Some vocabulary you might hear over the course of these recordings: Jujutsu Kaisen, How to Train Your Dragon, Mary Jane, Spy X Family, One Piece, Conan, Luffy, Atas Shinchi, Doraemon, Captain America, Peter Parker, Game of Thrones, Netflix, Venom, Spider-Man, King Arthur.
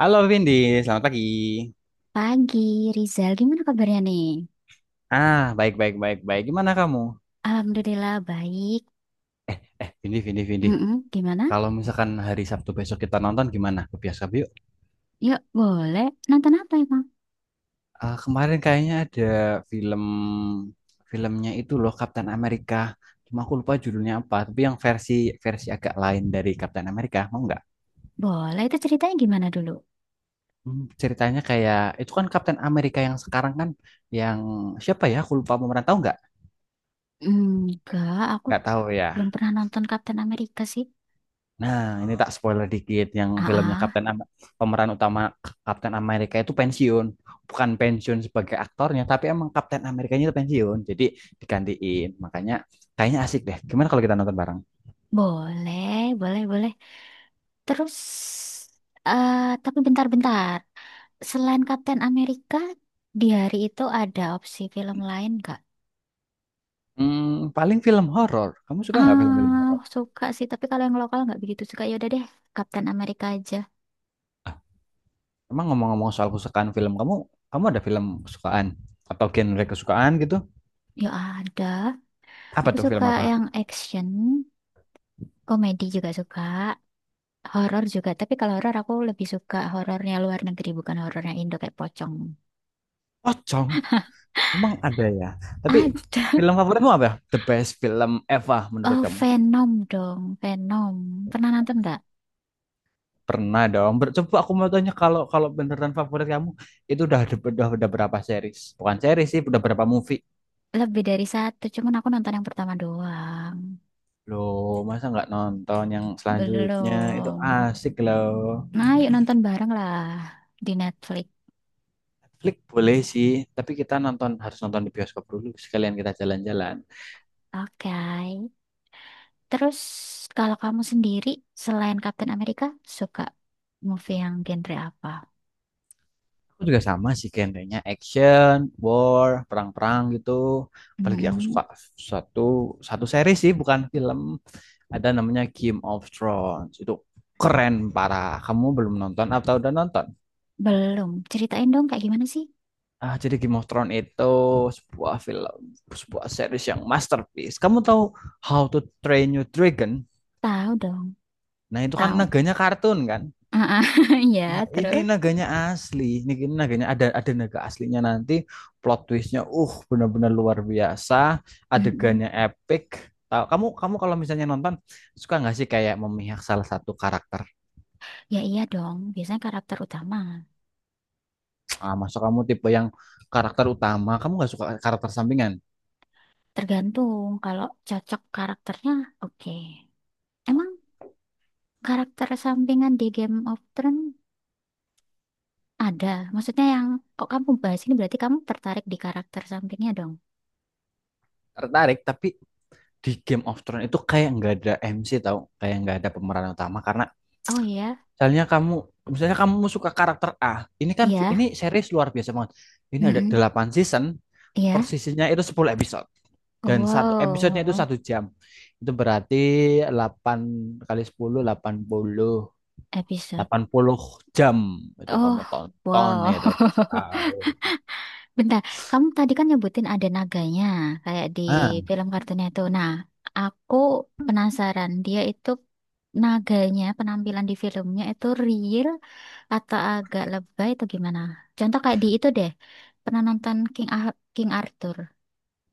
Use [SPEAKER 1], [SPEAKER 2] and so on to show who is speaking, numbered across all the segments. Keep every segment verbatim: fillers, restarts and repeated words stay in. [SPEAKER 1] Halo Vindi, selamat pagi.
[SPEAKER 2] Pagi, Rizal. Gimana kabarnya nih?
[SPEAKER 1] Ah, baik baik baik baik. Gimana kamu?
[SPEAKER 2] Alhamdulillah, baik.
[SPEAKER 1] Eh, Vindi Vindi Vindi.
[SPEAKER 2] Mm-mm, gimana?
[SPEAKER 1] Kalau misalkan hari Sabtu besok kita nonton gimana? Ke bioskop yuk.
[SPEAKER 2] Yuk, boleh. Nonton apa emang?
[SPEAKER 1] Ah, kemarin kayaknya ada film filmnya itu loh Captain America. Cuma aku lupa judulnya apa, tapi yang versi versi agak lain dari Captain America. Mau nggak?
[SPEAKER 2] Boleh, itu ceritanya gimana dulu?
[SPEAKER 1] Hmm, ceritanya kayak itu kan Captain America yang sekarang kan yang siapa ya? Aku lupa pemeran, tahu nggak?
[SPEAKER 2] Enggak, aku
[SPEAKER 1] Nggak tahu ya.
[SPEAKER 2] pernah nonton Captain America sih.
[SPEAKER 1] Nah, ini tak spoiler dikit yang
[SPEAKER 2] Ah,
[SPEAKER 1] filmnya
[SPEAKER 2] ah.
[SPEAKER 1] Kapten Am- pemeran utama K- Kapten Amerika itu pensiun. Bukan pensiun sebagai aktornya, tapi emang Kapten Amerikanya itu pensiun. Jadi digantiin. Makanya kayaknya asik deh. Gimana kalau kita nonton bareng?
[SPEAKER 2] Boleh, boleh, boleh. Terus, eh tapi bentar-bentar. Selain Captain America, di hari itu ada opsi film lain nggak?
[SPEAKER 1] Hmm, paling film horor. Kamu suka nggak film-film
[SPEAKER 2] Ah,
[SPEAKER 1] horor?
[SPEAKER 2] suka sih. Tapi kalau yang lokal nggak begitu suka. Yaudah deh, Captain America aja.
[SPEAKER 1] Emang ngomong-ngomong soal kesukaan film, kamu kamu ada film kesukaan atau genre kesukaan gitu?
[SPEAKER 2] Ya ada.
[SPEAKER 1] Apa
[SPEAKER 2] Aku
[SPEAKER 1] tuh, film
[SPEAKER 2] suka
[SPEAKER 1] apa?
[SPEAKER 2] yang action, komedi juga suka, horor juga. Tapi kalau horor aku lebih suka horornya luar negeri bukan horornya Indo kayak pocong.
[SPEAKER 1] Pocong. Emang ada ya. Tapi
[SPEAKER 2] Ada.
[SPEAKER 1] film favoritmu apa? The best film ever menurut
[SPEAKER 2] Oh,
[SPEAKER 1] kamu?
[SPEAKER 2] Venom dong, Venom. Pernah nonton nggak?
[SPEAKER 1] Pernah dong. Ber- Coba aku mau tanya, kalau kalau beneran favorit kamu itu udah ada- udah, udah berapa series? Bukan series sih, udah berapa movie?
[SPEAKER 2] Lebih dari satu, cuman aku nonton yang pertama doang.
[SPEAKER 1] Loh, masa nggak nonton yang selanjutnya? Itu
[SPEAKER 2] Belum.
[SPEAKER 1] asik loh.
[SPEAKER 2] Nah, yuk nonton bareng lah di Netflix.
[SPEAKER 1] Netflix boleh sih, tapi kita nonton harus nonton di bioskop dulu sekalian kita jalan-jalan.
[SPEAKER 2] Oke. Terus kalau kamu sendiri selain Captain America suka movie yang genre apa?
[SPEAKER 1] Aku juga sama sih genrenya action, war, perang-perang gitu. Apalagi aku
[SPEAKER 2] Mm-mm.
[SPEAKER 1] suka satu satu series sih, bukan film. Ada namanya Game of Thrones. Itu keren parah. Kamu belum nonton atau udah nonton?
[SPEAKER 2] Belum. Ceritain dong kayak gimana sih?
[SPEAKER 1] Ah, jadi Game of Thrones itu sebuah film, sebuah series yang masterpiece. Kamu tahu How to Train Your Dragon?
[SPEAKER 2] Tahu dong.
[SPEAKER 1] Nah, itu kan
[SPEAKER 2] Tahu.
[SPEAKER 1] naganya kartun kan?
[SPEAKER 2] Ah,
[SPEAKER 1] Nah,
[SPEAKER 2] ya,
[SPEAKER 1] ini
[SPEAKER 2] terus?
[SPEAKER 1] naganya asli. Ini ini naganya ada ada naga aslinya, nanti plot twistnya uh benar-benar luar biasa,
[SPEAKER 2] Mm.
[SPEAKER 1] adegannya epic. Tahu, kamu kamu kalau misalnya nonton suka nggak sih kayak memihak salah satu karakter?
[SPEAKER 2] Ya iya dong. Biasanya karakter utama.
[SPEAKER 1] Ah, masuk, kamu tipe yang karakter utama, kamu nggak suka karakter sampingan?
[SPEAKER 2] Tergantung kalau cocok karakternya, oke. Emang karakter sampingan di Game of Thrones ada? Maksudnya yang kok kamu bahas ini berarti kamu tertarik di karakter sampingnya dong?
[SPEAKER 1] Tertarik, tapi di Game of Thrones itu kayak nggak ada M C, tau kayak nggak ada pemeran utama karena
[SPEAKER 2] Oh iya,
[SPEAKER 1] misalnya kamu misalnya kamu suka karakter A, ini kan
[SPEAKER 2] iya.
[SPEAKER 1] ini series luar biasa banget, ini ada
[SPEAKER 2] Mm-mm.
[SPEAKER 1] delapan season, per
[SPEAKER 2] Iya.
[SPEAKER 1] seasonnya itu sepuluh episode, dan satu
[SPEAKER 2] Wow,
[SPEAKER 1] episodenya itu satu jam. Itu berarti delapan kali sepuluh delapan puluh
[SPEAKER 2] episode.
[SPEAKER 1] delapan puluh jam itu
[SPEAKER 2] Oh,
[SPEAKER 1] kamu tonton
[SPEAKER 2] wow.
[SPEAKER 1] itu.
[SPEAKER 2] Bentar, kamu tadi kan nyebutin ada naganya, kayak di
[SPEAKER 1] Ah,
[SPEAKER 2] film kartunnya itu. Nah, aku penasaran, dia itu naganya, penampilan di filmnya itu real atau agak lebay atau gimana? Contoh kayak di itu deh, pernah nonton King, Ah- King Arthur,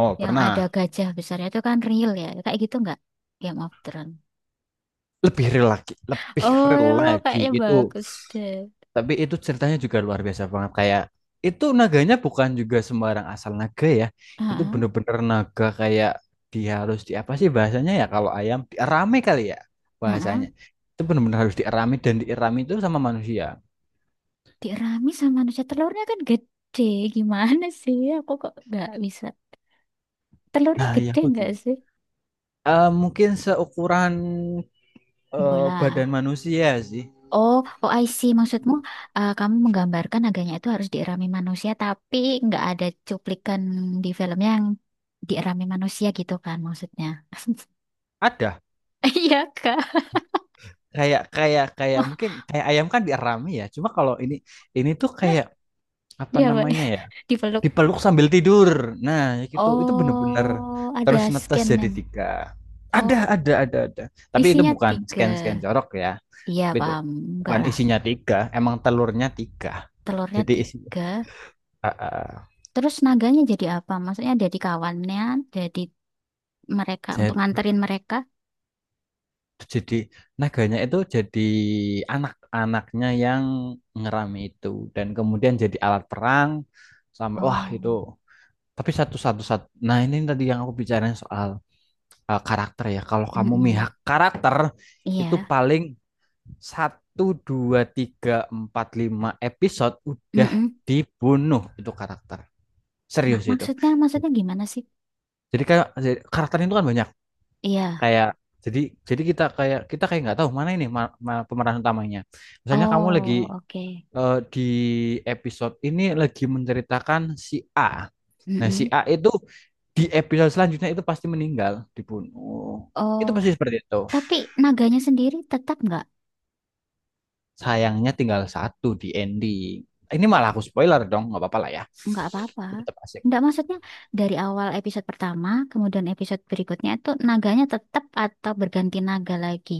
[SPEAKER 1] oh
[SPEAKER 2] yang ada
[SPEAKER 1] pernah,
[SPEAKER 2] gajah besarnya itu kan real ya, kayak gitu nggak? Game of Thrones.
[SPEAKER 1] lebih real lagi lebih real
[SPEAKER 2] Oh,
[SPEAKER 1] lagi
[SPEAKER 2] kayaknya
[SPEAKER 1] itu.
[SPEAKER 2] bagus deh.
[SPEAKER 1] Tapi itu ceritanya juga luar biasa banget. Kayak itu naganya bukan juga sembarang asal naga ya. Itu
[SPEAKER 2] Ah,
[SPEAKER 1] bener-bener naga kayak dia harus di, apa sih bahasanya ya, kalau ayam dierami kali ya
[SPEAKER 2] ah, ah.
[SPEAKER 1] bahasanya. Itu bener-bener harus dierami, dan dierami itu sama manusia.
[SPEAKER 2] Tiramisu sama manusia telurnya kan gede, gimana sih? Aku kok nggak bisa. Telurnya
[SPEAKER 1] Nah, iya
[SPEAKER 2] gede
[SPEAKER 1] aku
[SPEAKER 2] nggak
[SPEAKER 1] juga.
[SPEAKER 2] sih?
[SPEAKER 1] Eh, mungkin seukuran, eh, badan
[SPEAKER 2] Bola.
[SPEAKER 1] manusia sih.
[SPEAKER 2] Oh, oh I see. Maksudmu eh, kamu menggambarkan naganya itu harus dierami manusia, tapi nggak ada cuplikan di film yang dierami manusia gitu kan maksudnya?
[SPEAKER 1] Ada,
[SPEAKER 2] Iya kak.
[SPEAKER 1] kayak kayak kayak mungkin kayak ayam kan dierami ya. Cuma kalau ini ini tuh kayak apa
[SPEAKER 2] Dia apa?
[SPEAKER 1] namanya ya?
[SPEAKER 2] Dipeluk.
[SPEAKER 1] Dipeluk sambil tidur. Nah, ya gitu. Itu bener-bener
[SPEAKER 2] Oh,
[SPEAKER 1] terus
[SPEAKER 2] ada
[SPEAKER 1] netes jadi
[SPEAKER 2] scan-nya.
[SPEAKER 1] tiga. Ada,
[SPEAKER 2] Oh,
[SPEAKER 1] ada, ada, ada. Tapi itu
[SPEAKER 2] isinya
[SPEAKER 1] bukan
[SPEAKER 2] tiga.
[SPEAKER 1] scan-scan jorok ya.
[SPEAKER 2] Iya
[SPEAKER 1] Tapi itu
[SPEAKER 2] paham. Enggak
[SPEAKER 1] bukan
[SPEAKER 2] lah.
[SPEAKER 1] isinya tiga, emang telurnya tiga.
[SPEAKER 2] Telurnya
[SPEAKER 1] Jadi isi,
[SPEAKER 2] tiga.
[SPEAKER 1] ah, ah,
[SPEAKER 2] Terus naganya jadi apa? Maksudnya jadi kawannya, jadi mereka untuk
[SPEAKER 1] saya
[SPEAKER 2] nganterin mereka.
[SPEAKER 1] jadi naganya itu jadi anak-anaknya yang ngerami itu, dan kemudian jadi alat perang sampai wah
[SPEAKER 2] Oh,
[SPEAKER 1] itu. Tapi satu-satu satu. Nah, ini tadi yang aku bicarain soal eh, karakter ya. Kalau kamu
[SPEAKER 2] mm.
[SPEAKER 1] mihak karakter itu paling satu dua tiga empat lima episode udah dibunuh itu karakter,
[SPEAKER 2] Nah,
[SPEAKER 1] serius itu.
[SPEAKER 2] maksudnya maksudnya gimana sih?
[SPEAKER 1] Jadi kayak karakter itu kan banyak,
[SPEAKER 2] Iya.
[SPEAKER 1] kayak jadi jadi kita kayak kita kayak nggak tahu mana ini ma- ma- pemeran utamanya. Misalnya kamu lagi,
[SPEAKER 2] Oh,
[SPEAKER 1] eh, di episode ini lagi menceritakan si A, nah si
[SPEAKER 2] mm-mm.
[SPEAKER 1] A itu di episode selanjutnya itu pasti meninggal dibunuh, itu
[SPEAKER 2] Oh,
[SPEAKER 1] pasti seperti itu.
[SPEAKER 2] naganya sendiri tetap nggak
[SPEAKER 1] Sayangnya tinggal satu di ending. Ini malah aku spoiler dong, nggak apa-apa lah ya.
[SPEAKER 2] nggak apa-apa.
[SPEAKER 1] Tapi tetap asik.
[SPEAKER 2] Nggak maksudnya dari awal episode pertama, kemudian episode berikutnya itu naganya tetap atau berganti naga lagi.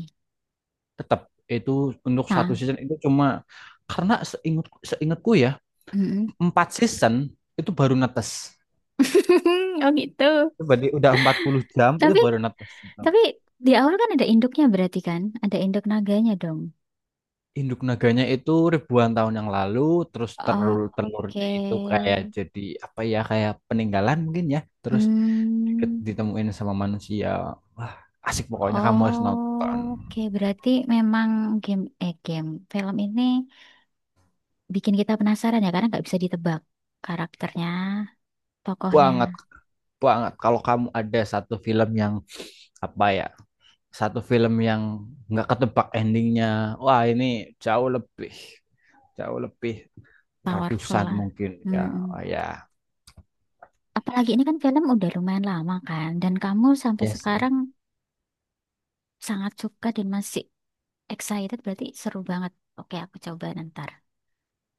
[SPEAKER 1] Tetap, itu untuk satu
[SPEAKER 2] Nah,
[SPEAKER 1] season itu cuma, karena seingat seingatku ya,
[SPEAKER 2] mm-mm.
[SPEAKER 1] empat season itu baru netes.
[SPEAKER 2] Oh gitu.
[SPEAKER 1] Itu berarti udah empat puluh jam itu
[SPEAKER 2] Tapi
[SPEAKER 1] baru netes.
[SPEAKER 2] tapi di awal kan ada induknya berarti kan? Ada induk naganya dong.
[SPEAKER 1] Induk naganya itu ribuan tahun yang lalu, terus
[SPEAKER 2] Oke.
[SPEAKER 1] telur-telurnya itu kayak jadi apa ya, kayak peninggalan mungkin ya. Terus
[SPEAKER 2] Hmm.
[SPEAKER 1] ditemuin sama manusia. Wah, asik pokoknya, kamu harus nonton
[SPEAKER 2] Oke, berarti memang game eh game film ini bikin kita penasaran ya karena nggak bisa ditebak karakternya, tokohnya,
[SPEAKER 1] banget banget kalau kamu ada satu film yang, apa ya, satu film yang nggak ketebak endingnya, wah ini jauh lebih, jauh lebih
[SPEAKER 2] powerful
[SPEAKER 1] ratusan
[SPEAKER 2] lah.
[SPEAKER 1] mungkin ya. Oh
[SPEAKER 2] Mm-mm.
[SPEAKER 1] ya,
[SPEAKER 2] Apalagi ini kan film udah lumayan lama kan, dan kamu sampai
[SPEAKER 1] ya sih.
[SPEAKER 2] sekarang sangat suka dan masih excited berarti seru banget. Oke, aku coba ntar.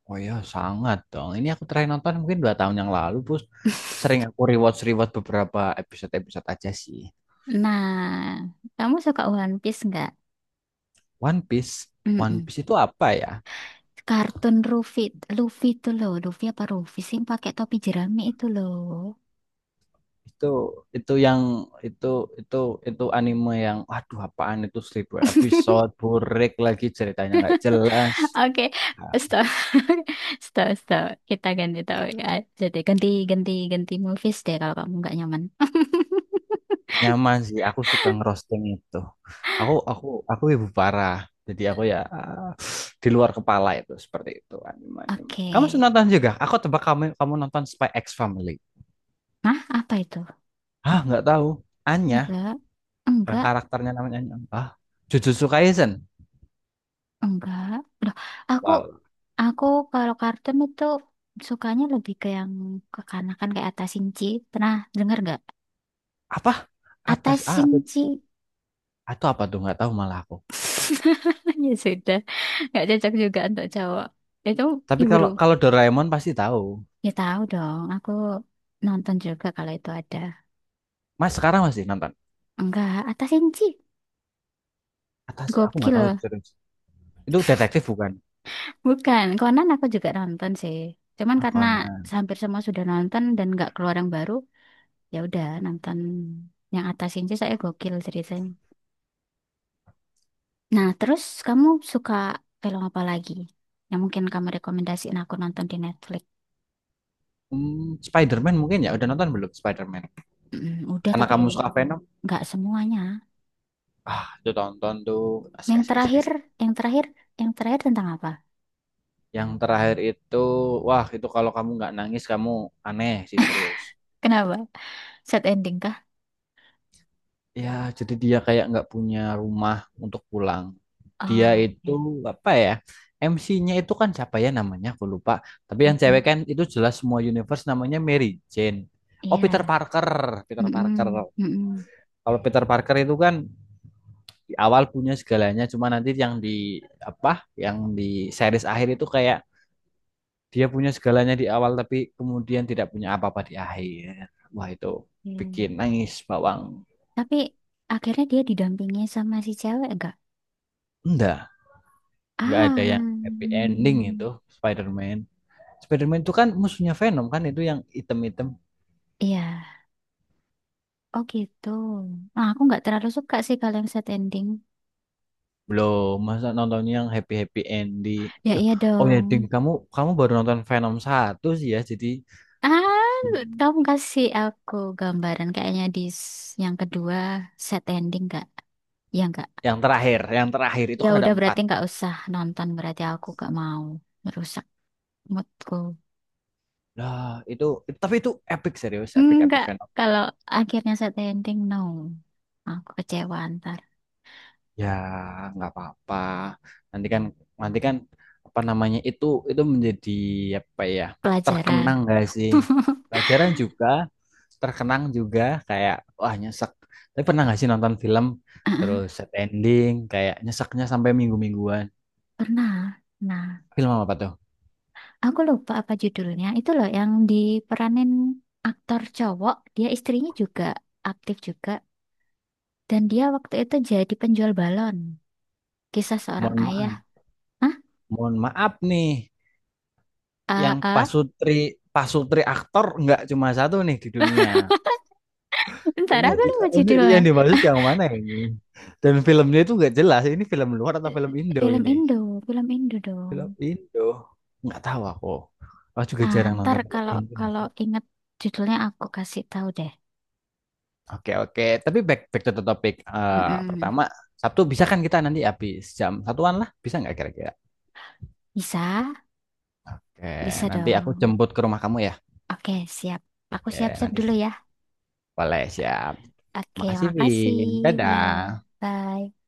[SPEAKER 1] Oh ya, sangat dong. Ini aku terakhir nonton mungkin dua tahun yang lalu bos. Sering aku rewatch rewatch beberapa episode episode aja sih.
[SPEAKER 2] Nah, kamu suka One Piece nggak?
[SPEAKER 1] One Piece? One
[SPEAKER 2] Mm-mm.
[SPEAKER 1] Piece itu apa ya,
[SPEAKER 2] Kartun Luffy, Luffy itu loh, Luffy apa Luffy sih yang pakai topi jerami itu loh.
[SPEAKER 1] itu itu yang itu itu itu anime yang, aduh, apaan itu, seribu episode burek lagi ceritanya nggak jelas.
[SPEAKER 2] Oke, stop. Stop, stop. Kita ganti topik aja deh. Ganti, ganti, ganti movies deh kalau kamu nggak nyaman.
[SPEAKER 1] Nyaman sih, aku suka ngerosting itu. Aku aku aku ibu parah. Jadi aku ya ah, di luar kepala itu seperti itu anime. Anime
[SPEAKER 2] Oke.
[SPEAKER 1] kamu nonton juga, aku tebak kamu kamu nonton Spy X Family.
[SPEAKER 2] Nah, apa itu?
[SPEAKER 1] Ah, nggak tahu Anya,
[SPEAKER 2] Enggak,
[SPEAKER 1] eh,
[SPEAKER 2] enggak,
[SPEAKER 1] karakternya namanya Anya, ah, Jujutsu Kaisen
[SPEAKER 2] enggak. Loh, aku,
[SPEAKER 1] Wal.
[SPEAKER 2] aku kalau kartun itu sukanya lebih ke yang kekanakan kayak Atas Shinchi. Pernah dengar nggak?
[SPEAKER 1] Apa, atas,
[SPEAKER 2] Atas
[SPEAKER 1] ah, apa-
[SPEAKER 2] Shinchi.
[SPEAKER 1] atau apa tuh, nggak tahu malah aku.
[SPEAKER 2] Ya sudah, nggak cocok juga untuk cowok. Itu
[SPEAKER 1] Tapi
[SPEAKER 2] ibu,
[SPEAKER 1] kalau kalau Doraemon pasti tahu.
[SPEAKER 2] ya tahu dong. Aku nonton juga kalau itu ada.
[SPEAKER 1] Mas sekarang masih nonton?
[SPEAKER 2] Enggak, Atta Shinchi.
[SPEAKER 1] Atas aku nggak tahu itu,
[SPEAKER 2] Gokil.
[SPEAKER 1] serius. Itu detektif bukan?
[SPEAKER 2] Bukan, Conan aku juga nonton sih. Cuman
[SPEAKER 1] Ah,
[SPEAKER 2] karena
[SPEAKER 1] Conan.
[SPEAKER 2] hampir semua sudah nonton dan nggak keluar yang baru, ya udah nonton yang Atta Shinchi saya gokil ceritanya. Nah, terus kamu suka film apa lagi? Yang mungkin kamu rekomendasiin aku nonton di Netflix.
[SPEAKER 1] Hmm, Spider-Man mungkin ya, udah nonton belum Spider-Man?
[SPEAKER 2] Mm, udah
[SPEAKER 1] Karena
[SPEAKER 2] tapi
[SPEAKER 1] kamu suka Venom.
[SPEAKER 2] semuanya.
[SPEAKER 1] Ah, itu tonton tuh, asik
[SPEAKER 2] Yang
[SPEAKER 1] asik asik
[SPEAKER 2] terakhir,
[SPEAKER 1] asik.
[SPEAKER 2] yang terakhir, yang terakhir tentang apa?
[SPEAKER 1] Yang terakhir itu, wah, itu kalau kamu nggak nangis kamu aneh sih, serius.
[SPEAKER 2] Kenapa? Sad ending kah?
[SPEAKER 1] Ya, jadi dia kayak nggak punya rumah untuk pulang. Dia
[SPEAKER 2] Oh,
[SPEAKER 1] itu
[SPEAKER 2] ya.
[SPEAKER 1] apa ya, M C-nya itu kan siapa ya namanya, aku lupa. Tapi yang cewek
[SPEAKER 2] Mm,
[SPEAKER 1] kan itu jelas semua universe namanya Mary Jane. Oh, Peter
[SPEAKER 2] iya.
[SPEAKER 1] Parker, Peter Parker.
[SPEAKER 2] Mm-mm, mm-mm.
[SPEAKER 1] Kalau Peter Parker itu kan di awal punya segalanya, cuma nanti yang di, apa, yang di series akhir itu kayak dia punya segalanya di awal tapi kemudian tidak punya apa-apa di akhir. Wah, itu bikin
[SPEAKER 2] Iya.
[SPEAKER 1] nangis bawang.
[SPEAKER 2] Tapi akhirnya dia didampingi sama si cewek enggak?
[SPEAKER 1] Enggak, nggak
[SPEAKER 2] Ah,
[SPEAKER 1] ada yang happy ending
[SPEAKER 2] hmm,
[SPEAKER 1] itu Spider-Man. Spider-Man itu kan musuhnya Venom kan, itu yang item-item.
[SPEAKER 2] iya. Oh gitu. Nah, aku nggak terlalu suka sih kalau yang set ending.
[SPEAKER 1] Belum, masa nontonnya yang happy-happy ending.
[SPEAKER 2] Ya
[SPEAKER 1] Loh,
[SPEAKER 2] iya
[SPEAKER 1] oh ya
[SPEAKER 2] dong.
[SPEAKER 1] Ding, kamu kamu baru nonton Venom satu sih ya. Jadi
[SPEAKER 2] Ah, kamu kasih aku gambaran kayaknya di s- yang kedua set ending nggak? Ya nggak.
[SPEAKER 1] yang terakhir, yang terakhir itu
[SPEAKER 2] Ya
[SPEAKER 1] kan ada
[SPEAKER 2] udah
[SPEAKER 1] empat.
[SPEAKER 2] berarti nggak usah nonton berarti aku nggak mau merusak moodku.
[SPEAKER 1] Lah, itu, tapi itu epic serius, epic epic
[SPEAKER 2] Enggak.
[SPEAKER 1] Venom.
[SPEAKER 2] Kalau akhirnya set ending no. Aku kecewa ntar.
[SPEAKER 1] Ya, nggak apa-apa. Nanti kan, nanti kan apa namanya itu itu menjadi apa ya?
[SPEAKER 2] Pelajaran.
[SPEAKER 1] Terkenang gak sih? Pelajaran juga, terkenang juga. Kayak wah, nyesek. Tapi pernah nggak sih nonton film terus set ending kayak nyeseknya sampai minggu-mingguan?
[SPEAKER 2] Pernah. Nah,
[SPEAKER 1] Film apa tuh?
[SPEAKER 2] aku lupa apa judulnya. Itu loh yang diperanin aktor cowok. Dia istrinya juga aktif juga. Dan dia waktu itu jadi penjual balon. Kisah seorang
[SPEAKER 1] Mohon
[SPEAKER 2] ayah.
[SPEAKER 1] maaf,
[SPEAKER 2] Hah?
[SPEAKER 1] mohon maaf nih. Yang
[SPEAKER 2] Ah, ah.
[SPEAKER 1] pasutri pasutri aktor nggak cuma satu nih di dunia.
[SPEAKER 2] Ntar
[SPEAKER 1] Ini,
[SPEAKER 2] aku lupa
[SPEAKER 1] ini
[SPEAKER 2] judulnya.
[SPEAKER 1] yang dimaksud yang mana ini? Dan filmnya itu nggak jelas. Ini film luar atau film Indo
[SPEAKER 2] Film
[SPEAKER 1] ini?
[SPEAKER 2] Indo. Film Indo
[SPEAKER 1] Film
[SPEAKER 2] dong.
[SPEAKER 1] Indo. Nggak tahu aku. Aku juga
[SPEAKER 2] Ah,
[SPEAKER 1] jarang
[SPEAKER 2] ntar
[SPEAKER 1] nonton film
[SPEAKER 2] ka-
[SPEAKER 1] Indo.
[SPEAKER 2] kalau inget judulnya aku kasih tahu deh.
[SPEAKER 1] Oke oke. Tapi back back to the topic. Eh,
[SPEAKER 2] Mm,
[SPEAKER 1] pertama Sabtu bisa kan, kita nanti habis jam satuan lah. Bisa nggak kira-kira?
[SPEAKER 2] Bisa?
[SPEAKER 1] Oke.
[SPEAKER 2] Bisa
[SPEAKER 1] Nanti aku
[SPEAKER 2] dong.
[SPEAKER 1] jemput ke rumah kamu ya.
[SPEAKER 2] Oke, siap. Aku
[SPEAKER 1] Oke.
[SPEAKER 2] siap-siap
[SPEAKER 1] Nanti
[SPEAKER 2] dulu ya.
[SPEAKER 1] boleh, siap.
[SPEAKER 2] Oke,
[SPEAKER 1] Makasih
[SPEAKER 2] makasih.
[SPEAKER 1] Vin.
[SPEAKER 2] Ya,
[SPEAKER 1] Dadah.
[SPEAKER 2] bye.